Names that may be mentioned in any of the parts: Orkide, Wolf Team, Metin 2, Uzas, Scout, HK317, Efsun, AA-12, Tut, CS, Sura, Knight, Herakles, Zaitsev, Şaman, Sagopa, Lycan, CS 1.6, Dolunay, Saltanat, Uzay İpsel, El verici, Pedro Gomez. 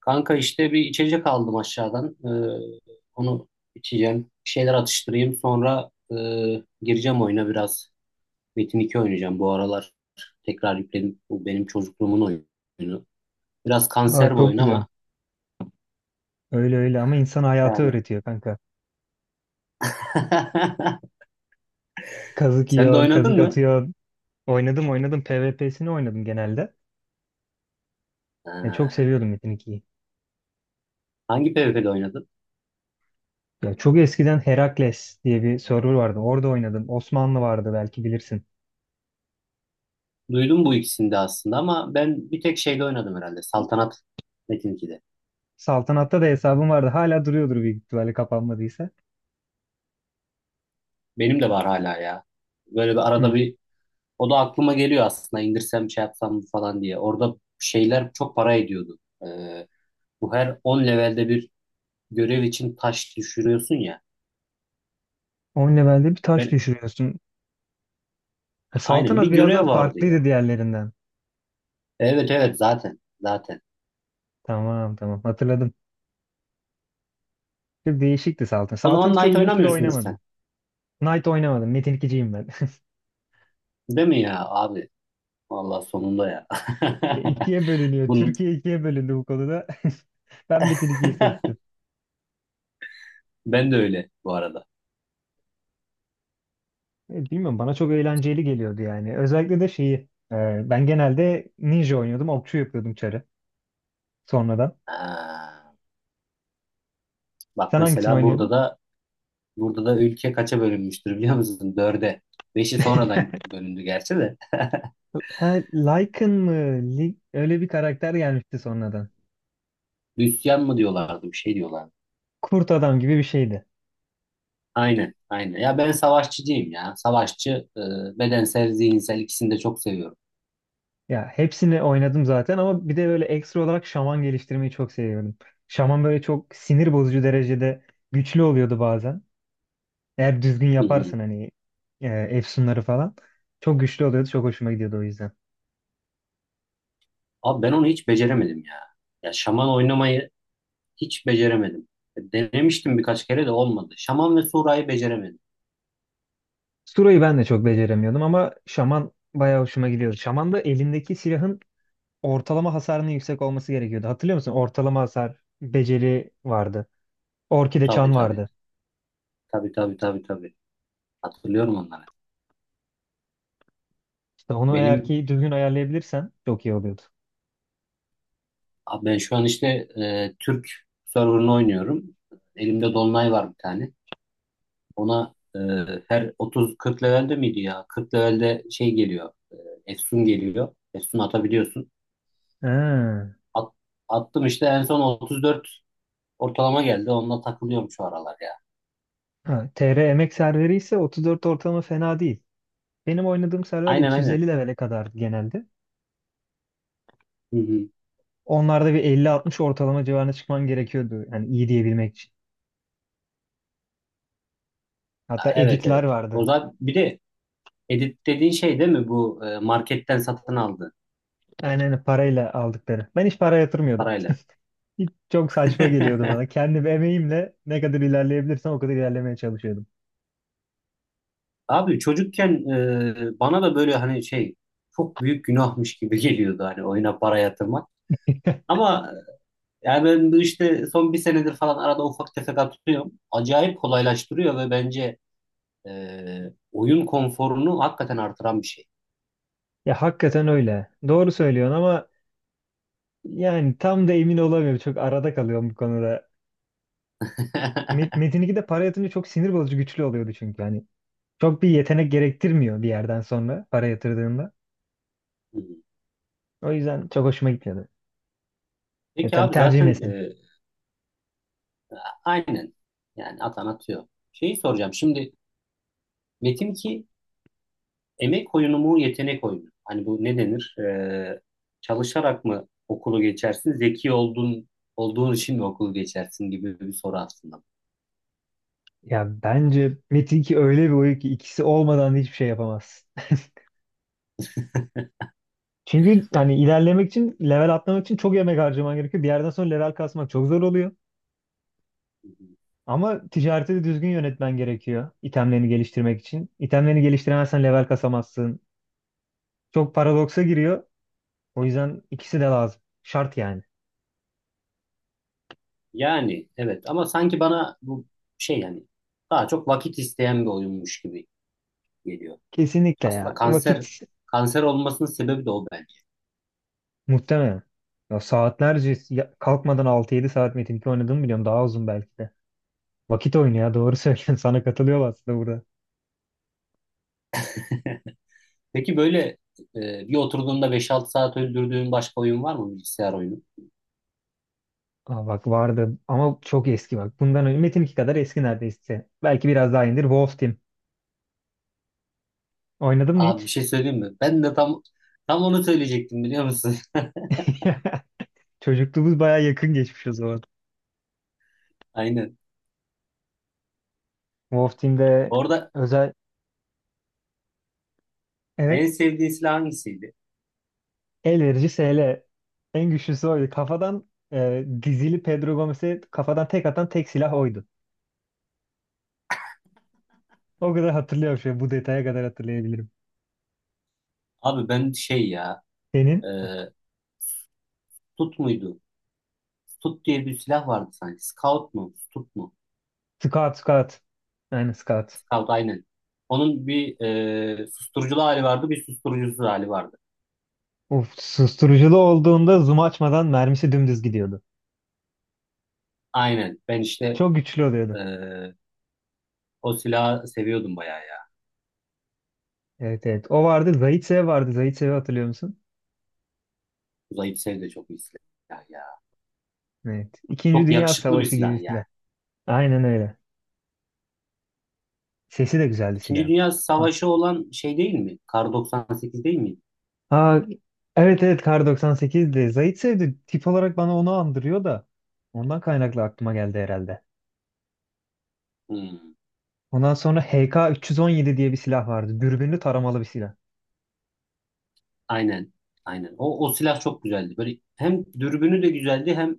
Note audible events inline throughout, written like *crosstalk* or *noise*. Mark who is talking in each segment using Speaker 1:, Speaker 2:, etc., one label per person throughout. Speaker 1: Kanka işte bir içecek aldım aşağıdan. Onu içeceğim. Bir şeyler atıştırayım. Sonra gireceğim oyuna biraz. Metin 2 oynayacağım bu aralar. Tekrar yükledim. Bu benim çocukluğumun oyunu. Biraz
Speaker 2: Aa,
Speaker 1: kanser bu
Speaker 2: çok
Speaker 1: oyun
Speaker 2: güzel.
Speaker 1: ama
Speaker 2: Öyle öyle ama insan hayatı
Speaker 1: yani.
Speaker 2: öğretiyor kanka.
Speaker 1: *laughs*
Speaker 2: Kazık
Speaker 1: Sen de
Speaker 2: yiyorsun, kazık
Speaker 1: oynadın mı?
Speaker 2: atıyorsun. Oynadım oynadım. PvP'sini oynadım genelde. Ya, çok
Speaker 1: Ha,
Speaker 2: seviyordum Metin 2'yi.
Speaker 1: hangi PvP'de oynadın?
Speaker 2: Ya, çok eskiden Herakles diye bir server vardı. Orada oynadım. Osmanlı vardı belki bilirsin.
Speaker 1: Duydum bu ikisini de aslında ama ben bir tek şeyde oynadım herhalde. Saltanat Metin 2'de.
Speaker 2: Saltanat'ta da hesabım vardı. Hala duruyordur büyük ihtimalle kapanmadıysa.
Speaker 1: Benim de var hala ya. Böyle bir
Speaker 2: Hı.
Speaker 1: arada bir O da aklıma geliyor aslında, indirsem şey yapsam mı falan diye. Orada şeyler çok para ediyordu. Ee, Bu her 10 levelde bir görev için taş düşürüyorsun ya.
Speaker 2: 10 levelde bir taş
Speaker 1: Ben
Speaker 2: düşürüyorsun. Ha,
Speaker 1: aynen bir
Speaker 2: Saltanat biraz daha
Speaker 1: görev vardı ya.
Speaker 2: farklıydı diğerlerinden.
Speaker 1: Evet evet, zaten zaten.
Speaker 2: Tamam tamam hatırladım. Çok değişikti Saltanat.
Speaker 1: O zaman
Speaker 2: Saltanat'ı çok
Speaker 1: Knight
Speaker 2: uzun süre
Speaker 1: oynamıyorsundur
Speaker 2: oynamadım.
Speaker 1: sen.
Speaker 2: Knight oynamadım. Metin 2'ciyim ben. *laughs*
Speaker 1: Değil mi ya abi? Vallahi sonunda ya.
Speaker 2: E, ikiye
Speaker 1: *laughs*
Speaker 2: bölünüyor.
Speaker 1: Bunun,
Speaker 2: Türkiye ikiye bölündü bu konuda. *laughs* Ben Metin 2'yi seçtim.
Speaker 1: ben de öyle bu arada.
Speaker 2: E, bilmiyorum bana çok eğlenceli geliyordu yani. Özellikle de şeyi ben genelde ninja oynuyordum. Okçu yapıyordum çarı sonradan.
Speaker 1: Ha. Bak
Speaker 2: Sen hangisini
Speaker 1: mesela
Speaker 2: oynuyordun?
Speaker 1: burada da ülke kaça bölünmüştür biliyor musun? Dörde. Beşi sonradan
Speaker 2: *laughs*
Speaker 1: bölündü gerçi de.
Speaker 2: Ha, Lycan mı? Öyle bir karakter gelmişti sonradan.
Speaker 1: Hristiyan mı diyorlardı, bir şey diyorlardı.
Speaker 2: Kurt adam gibi bir şeydi.
Speaker 1: Aynen, aynen. Ya ben savaşçıcıyım ya. Savaşçı, e, bedensel, zihinsel ikisini de çok seviyorum.
Speaker 2: Ya hepsini oynadım zaten ama bir de böyle ekstra olarak şaman geliştirmeyi çok seviyordum. Şaman böyle çok sinir bozucu derecede güçlü oluyordu bazen. Eğer düzgün
Speaker 1: Hı hı.
Speaker 2: yaparsın hani efsunları falan. Çok güçlü oluyordu. Çok hoşuma gidiyordu o yüzden.
Speaker 1: Abi ben onu hiç beceremedim ya. Ya şaman oynamayı hiç beceremedim. Denemiştim birkaç kere de olmadı. Şaman ve Sura'yı beceremedim.
Speaker 2: Sura'yı ben de çok beceremiyordum ama Şaman bayağı hoşuma gidiyordu. Şaman da elindeki silahın ortalama hasarının yüksek olması gerekiyordu. Hatırlıyor musun? Ortalama hasar beceri vardı. Orkide
Speaker 1: Tabii
Speaker 2: çan
Speaker 1: tabii.
Speaker 2: vardı.
Speaker 1: Tabii tabii tabii tabii. Hatırlıyorum onları.
Speaker 2: İşte onu eğer
Speaker 1: Benim
Speaker 2: ki düzgün ayarlayabilirsen çok iyi oluyordu.
Speaker 1: abi ben şu an işte Türk server'ını oynuyorum. Elimde Dolunay var bir tane. Ona her 30-40 levelde miydi ya? 40 levelde şey geliyor. Efsun geliyor. Efsun atabiliyorsun.
Speaker 2: Ha.
Speaker 1: At- attım işte en son 34 ortalama geldi. Onunla takılıyorum şu aralar ya.
Speaker 2: Ha, TR emek serveri ise 34 ortalama fena değil. Benim oynadığım server
Speaker 1: Aynen aynen.
Speaker 2: 250 levele kadar genelde.
Speaker 1: Hı hı.
Speaker 2: Onlarda bir 50-60 ortalama civarına çıkman gerekiyordu. Yani iyi diyebilmek için. Hatta
Speaker 1: Aa, evet
Speaker 2: editler
Speaker 1: evet.
Speaker 2: vardı.
Speaker 1: O zaman bir de edit dediğin şey değil mi, bu marketten satın aldı
Speaker 2: Aynen öyle, parayla aldıkları. Ben hiç para yatırmıyordum.
Speaker 1: parayla?
Speaker 2: Hiç çok saçma geliyordu bana.
Speaker 1: *laughs*
Speaker 2: Kendim emeğimle ne kadar ilerleyebilirsem o kadar ilerlemeye çalışıyordum.
Speaker 1: Abi çocukken bana da böyle, hani şey, çok büyük günahmış gibi geliyordu hani, oyuna para yatırmak.
Speaker 2: *laughs*
Speaker 1: Ama yani ben bu işte son bir senedir falan arada ufak tefek atıyorum. Acayip kolaylaştırıyor ve bence oyun konforunu hakikaten artıran bir şey.
Speaker 2: Ya hakikaten öyle. Doğru söylüyorsun ama yani tam da emin olamıyorum. Çok arada kalıyorum bu konuda.
Speaker 1: *laughs*
Speaker 2: Metin 2'de para yatırınca çok sinir bozucu güçlü oluyordu çünkü. Hani çok bir yetenek gerektirmiyor bir yerden sonra para yatırdığında. O yüzden çok hoşuma gitmiyordu. Ya
Speaker 1: Peki
Speaker 2: tabii
Speaker 1: abi,
Speaker 2: tercih
Speaker 1: zaten
Speaker 2: meselesi.
Speaker 1: aynen, yani atan atıyor. Şeyi soracağım şimdi: Metin ki emek oyunu mu, yetenek oyunu mu? Hani bu ne denir? Çalışarak mı okulu geçersin? Zeki olduğun için mi okulu geçersin gibi bir soru aslında.
Speaker 2: Ya bence Metin 2 öyle bir oyun ki ikisi olmadan da hiçbir şey yapamazsın. *laughs* Çünkü hani ilerlemek için, level atlamak için çok emek harcaman gerekiyor. Bir yerden sonra level kasmak çok zor oluyor. Ama ticareti de düzgün yönetmen gerekiyor itemlerini geliştirmek için. İtemlerini geliştiremezsen level kasamazsın. Çok paradoksa giriyor. O yüzden ikisi de lazım. Şart yani.
Speaker 1: Yani evet, ama sanki bana bu, şey yani, daha çok vakit isteyen bir oyunmuş gibi geliyor.
Speaker 2: Kesinlikle ya.
Speaker 1: Aslında kanser,
Speaker 2: Vakit
Speaker 1: kanser olmasının sebebi de o bence.
Speaker 2: muhtemelen. Ya saatlerce kalkmadan 6-7 saat Metin 2 oynadığımı biliyorum. Daha uzun belki de. Vakit oyunu ya doğru söylüyorsun. *laughs* Sana katılıyorum aslında burada.
Speaker 1: Peki böyle bir oturduğunda beş altı saat öldürdüğün başka oyun var mı, bilgisayar oyunu?
Speaker 2: Aa, bak vardı ama çok eski bak. Bundan önce Metin 2 kadar eski neredeyse. Belki biraz daha indir. Wolf Team. Oynadın mı
Speaker 1: Abi bir
Speaker 2: hiç?
Speaker 1: şey söyleyeyim mi? Ben de tam onu söyleyecektim, biliyor musun?
Speaker 2: *laughs* Çocukluğumuz baya yakın geçmiş o zaman.
Speaker 1: *laughs* Aynen.
Speaker 2: Wolf Team'de
Speaker 1: Orada
Speaker 2: özel
Speaker 1: en
Speaker 2: evet
Speaker 1: sevdiğin silah hangisiydi?
Speaker 2: el verici SL. En güçlüsü oydu. Kafadan dizili Pedro Gomez'e kafadan tek atan tek silah oydu. O kadar hatırlıyorum şu an, bu detaya kadar hatırlayabilirim.
Speaker 1: Abi ben şey ya,
Speaker 2: Senin
Speaker 1: e, Tut muydu? Tut diye bir silah vardı sanki. Scout mu? Tut mu?
Speaker 2: Scout Scout. Aynen Scout.
Speaker 1: Scout, aynen. Onun bir susturuculu hali vardı, bir susturucusuz hali vardı.
Speaker 2: Uf, susturuculu olduğunda zoom açmadan mermisi dümdüz gidiyordu.
Speaker 1: Aynen. Ben işte
Speaker 2: Çok güçlü
Speaker 1: e,
Speaker 2: oluyordu.
Speaker 1: o silahı seviyordum bayağı ya.
Speaker 2: Evet evet. O vardı. Zaitsev vardı. Zaitsev'i hatırlıyor musun?
Speaker 1: Uzay İpsel de çok iyi silah ya.
Speaker 2: Evet. İkinci
Speaker 1: Çok
Speaker 2: Dünya
Speaker 1: yakışıklı bir
Speaker 2: Savaşı gibi
Speaker 1: silah yani.
Speaker 2: silah. Aynen öyle. Sesi de güzeldi
Speaker 1: İkinci
Speaker 2: silahın.
Speaker 1: Dünya
Speaker 2: Ha,
Speaker 1: Savaşı olan şey değil mi? Kar 98 değil mi?
Speaker 2: ha, evet evet Kar 98'di. Zaitsev de tip olarak bana onu andırıyor da ondan kaynaklı aklıma geldi herhalde.
Speaker 1: Hmm.
Speaker 2: Ondan sonra HK317 diye bir silah vardı. Dürbünlü taramalı bir silah.
Speaker 1: Aynen. Aynen. O silah çok güzeldi. Böyle hem dürbünü de güzeldi, hem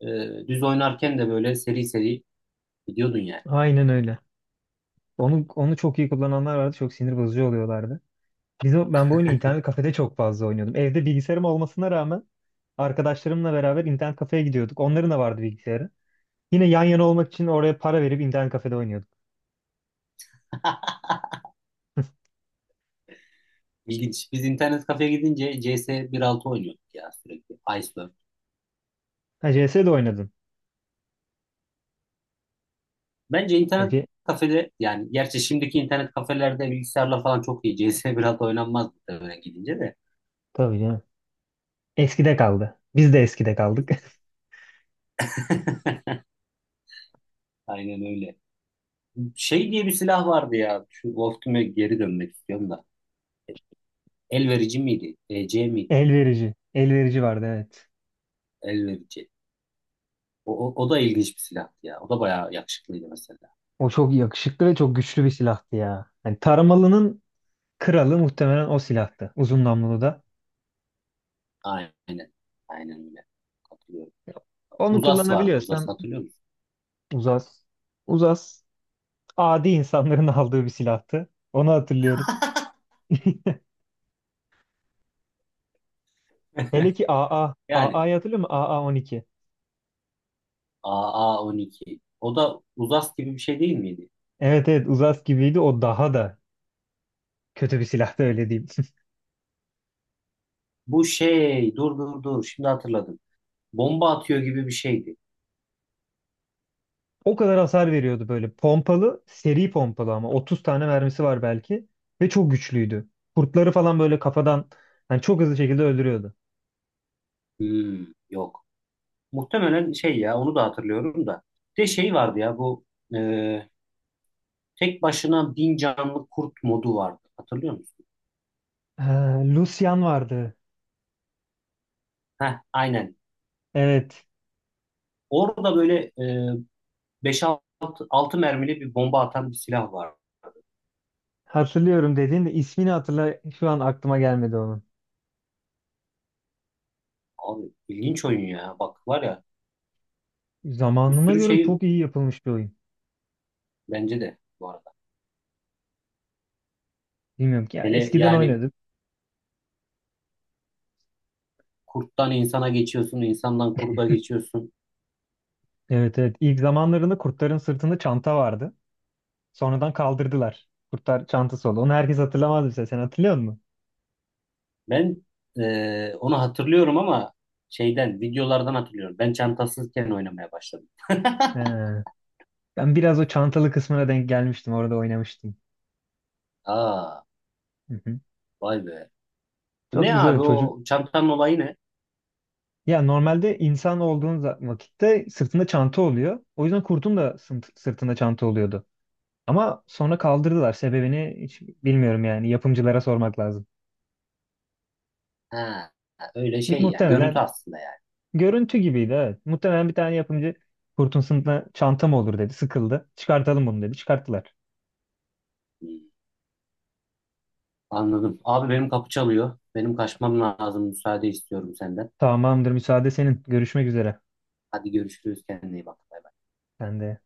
Speaker 1: düz oynarken de böyle seri seri gidiyordun yani.
Speaker 2: Aynen öyle. Onu çok iyi kullananlar vardı. Çok sinir bozucu oluyorlardı. Ben bu oyunu internet kafede çok fazla oynuyordum. Evde bilgisayarım olmasına rağmen arkadaşlarımla beraber internet kafeye gidiyorduk. Onların da vardı bilgisayarı. Yine yan yana olmak için oraya para verip internet kafede oynuyorduk.
Speaker 1: *laughs* İlginç. Biz internet kafeye gidince CS 1.6 oynuyorduk ya sürekli. Iceberg.
Speaker 2: Ha, CS de oynadın.
Speaker 1: Bence
Speaker 2: Ha,
Speaker 1: internet kafede yani, gerçi şimdiki internet kafelerde bilgisayarla falan çok iyi. *laughs* CS 1.6 oynanmaz muhtemelen gidince de.
Speaker 2: Tabii canım. Eskide kaldı. Biz de eskide kaldık. *laughs*
Speaker 1: *laughs* Aynen öyle. Şey diye bir silah vardı ya. Şu Wolfteam'e geri dönmek istiyorum da. El verici miydi? EC miydi?
Speaker 2: El verici. El verici vardı evet.
Speaker 1: El verici. O da ilginç bir silahtı ya. O da bayağı yakışıklıydı mesela.
Speaker 2: O çok yakışıklı ve çok güçlü bir silahtı ya. Hani taramalının kralı muhtemelen o silahtı. Uzun namlulu da.
Speaker 1: Aynen. Aynen öyle. Katılıyorum.
Speaker 2: Onu
Speaker 1: Uzas vardı. Uzas
Speaker 2: kullanabiliyorsan
Speaker 1: hatırlıyor musun?
Speaker 2: uzas. Uzas. Adi insanların *laughs* aldığı bir silahtı. Onu hatırlıyorum. *laughs* Hele
Speaker 1: *laughs*
Speaker 2: ki AA.
Speaker 1: Yani
Speaker 2: AA'yı hatırlıyor musun? AA-12.
Speaker 1: AA12. O da Uzas gibi bir şey değil miydi?
Speaker 2: Evet evet Uzas gibiydi. O daha da kötü bir silahtı öyle diyeyim. *laughs*
Speaker 1: Bu şey, dur dur dur, şimdi hatırladım. Bomba atıyor gibi bir şeydi.
Speaker 2: O kadar hasar veriyordu böyle. Pompalı, seri pompalı ama. 30 tane mermisi var belki. Ve çok güçlüydü. Kurtları falan böyle kafadan yani çok hızlı şekilde öldürüyordu.
Speaker 1: Hmm, yok. Muhtemelen şey ya, onu da hatırlıyorum da. Bir de şey vardı ya, bu e, tek başına 1.000 canlı kurt modu vardı. Hatırlıyor musun?
Speaker 2: Ha, Lucian vardı.
Speaker 1: Heh, aynen.
Speaker 2: Evet.
Speaker 1: Orada böyle beş altı mermili bir bomba atan bir silah var.
Speaker 2: Hatırlıyorum dediğin de ismini hatırla şu an aklıma gelmedi onun.
Speaker 1: Abi ilginç oyun ya. Bak var ya, bir
Speaker 2: Zamanına
Speaker 1: sürü
Speaker 2: göre
Speaker 1: şey,
Speaker 2: çok iyi yapılmış bir oyun.
Speaker 1: bence de bu arada.
Speaker 2: Bilmiyorum ki ya
Speaker 1: Hele
Speaker 2: eskiden
Speaker 1: yani
Speaker 2: oynadık.
Speaker 1: kurttan insana geçiyorsun, insandan kurda geçiyorsun.
Speaker 2: Evet evet ilk zamanlarında kurtların sırtında çanta vardı. Sonradan kaldırdılar. Kurtar çantası oldu. Onu herkes hatırlamaz mesela. Sen hatırlıyor musun?
Speaker 1: Ben onu hatırlıyorum ama şeyden, videolardan hatırlıyorum. Ben çantasızken oynamaya başladım.
Speaker 2: He. Ben biraz o çantalı kısmına denk gelmiştim. Orada oynamıştım.
Speaker 1: Aa,
Speaker 2: Hı hı.
Speaker 1: vay be. Bu
Speaker 2: Çok
Speaker 1: ne
Speaker 2: güzel
Speaker 1: abi,
Speaker 2: çocuk.
Speaker 1: o çantanın olayı ne?
Speaker 2: Ya normalde insan olduğun vakitte sırtında çanta oluyor. O yüzden kurtun da sırtında çanta oluyordu. Ama sonra kaldırdılar. Sebebini hiç bilmiyorum yani. Yapımcılara sormak lazım.
Speaker 1: Ha, öyle şey yani. Görüntü
Speaker 2: Muhtemelen
Speaker 1: aslında yani.
Speaker 2: görüntü gibiydi evet. Muhtemelen bir tane yapımcı kurtun sırtında çanta mı olur dedi. Sıkıldı. Çıkartalım bunu dedi. Çıkarttılar.
Speaker 1: Hmm, anladım. Abi benim kapı çalıyor. Benim kaçmam lazım. Müsaade istiyorum senden.
Speaker 2: Tamamdır müsaade senin. Görüşmek üzere.
Speaker 1: Hadi görüşürüz. Kendine iyi bak. Bay
Speaker 2: Sen de.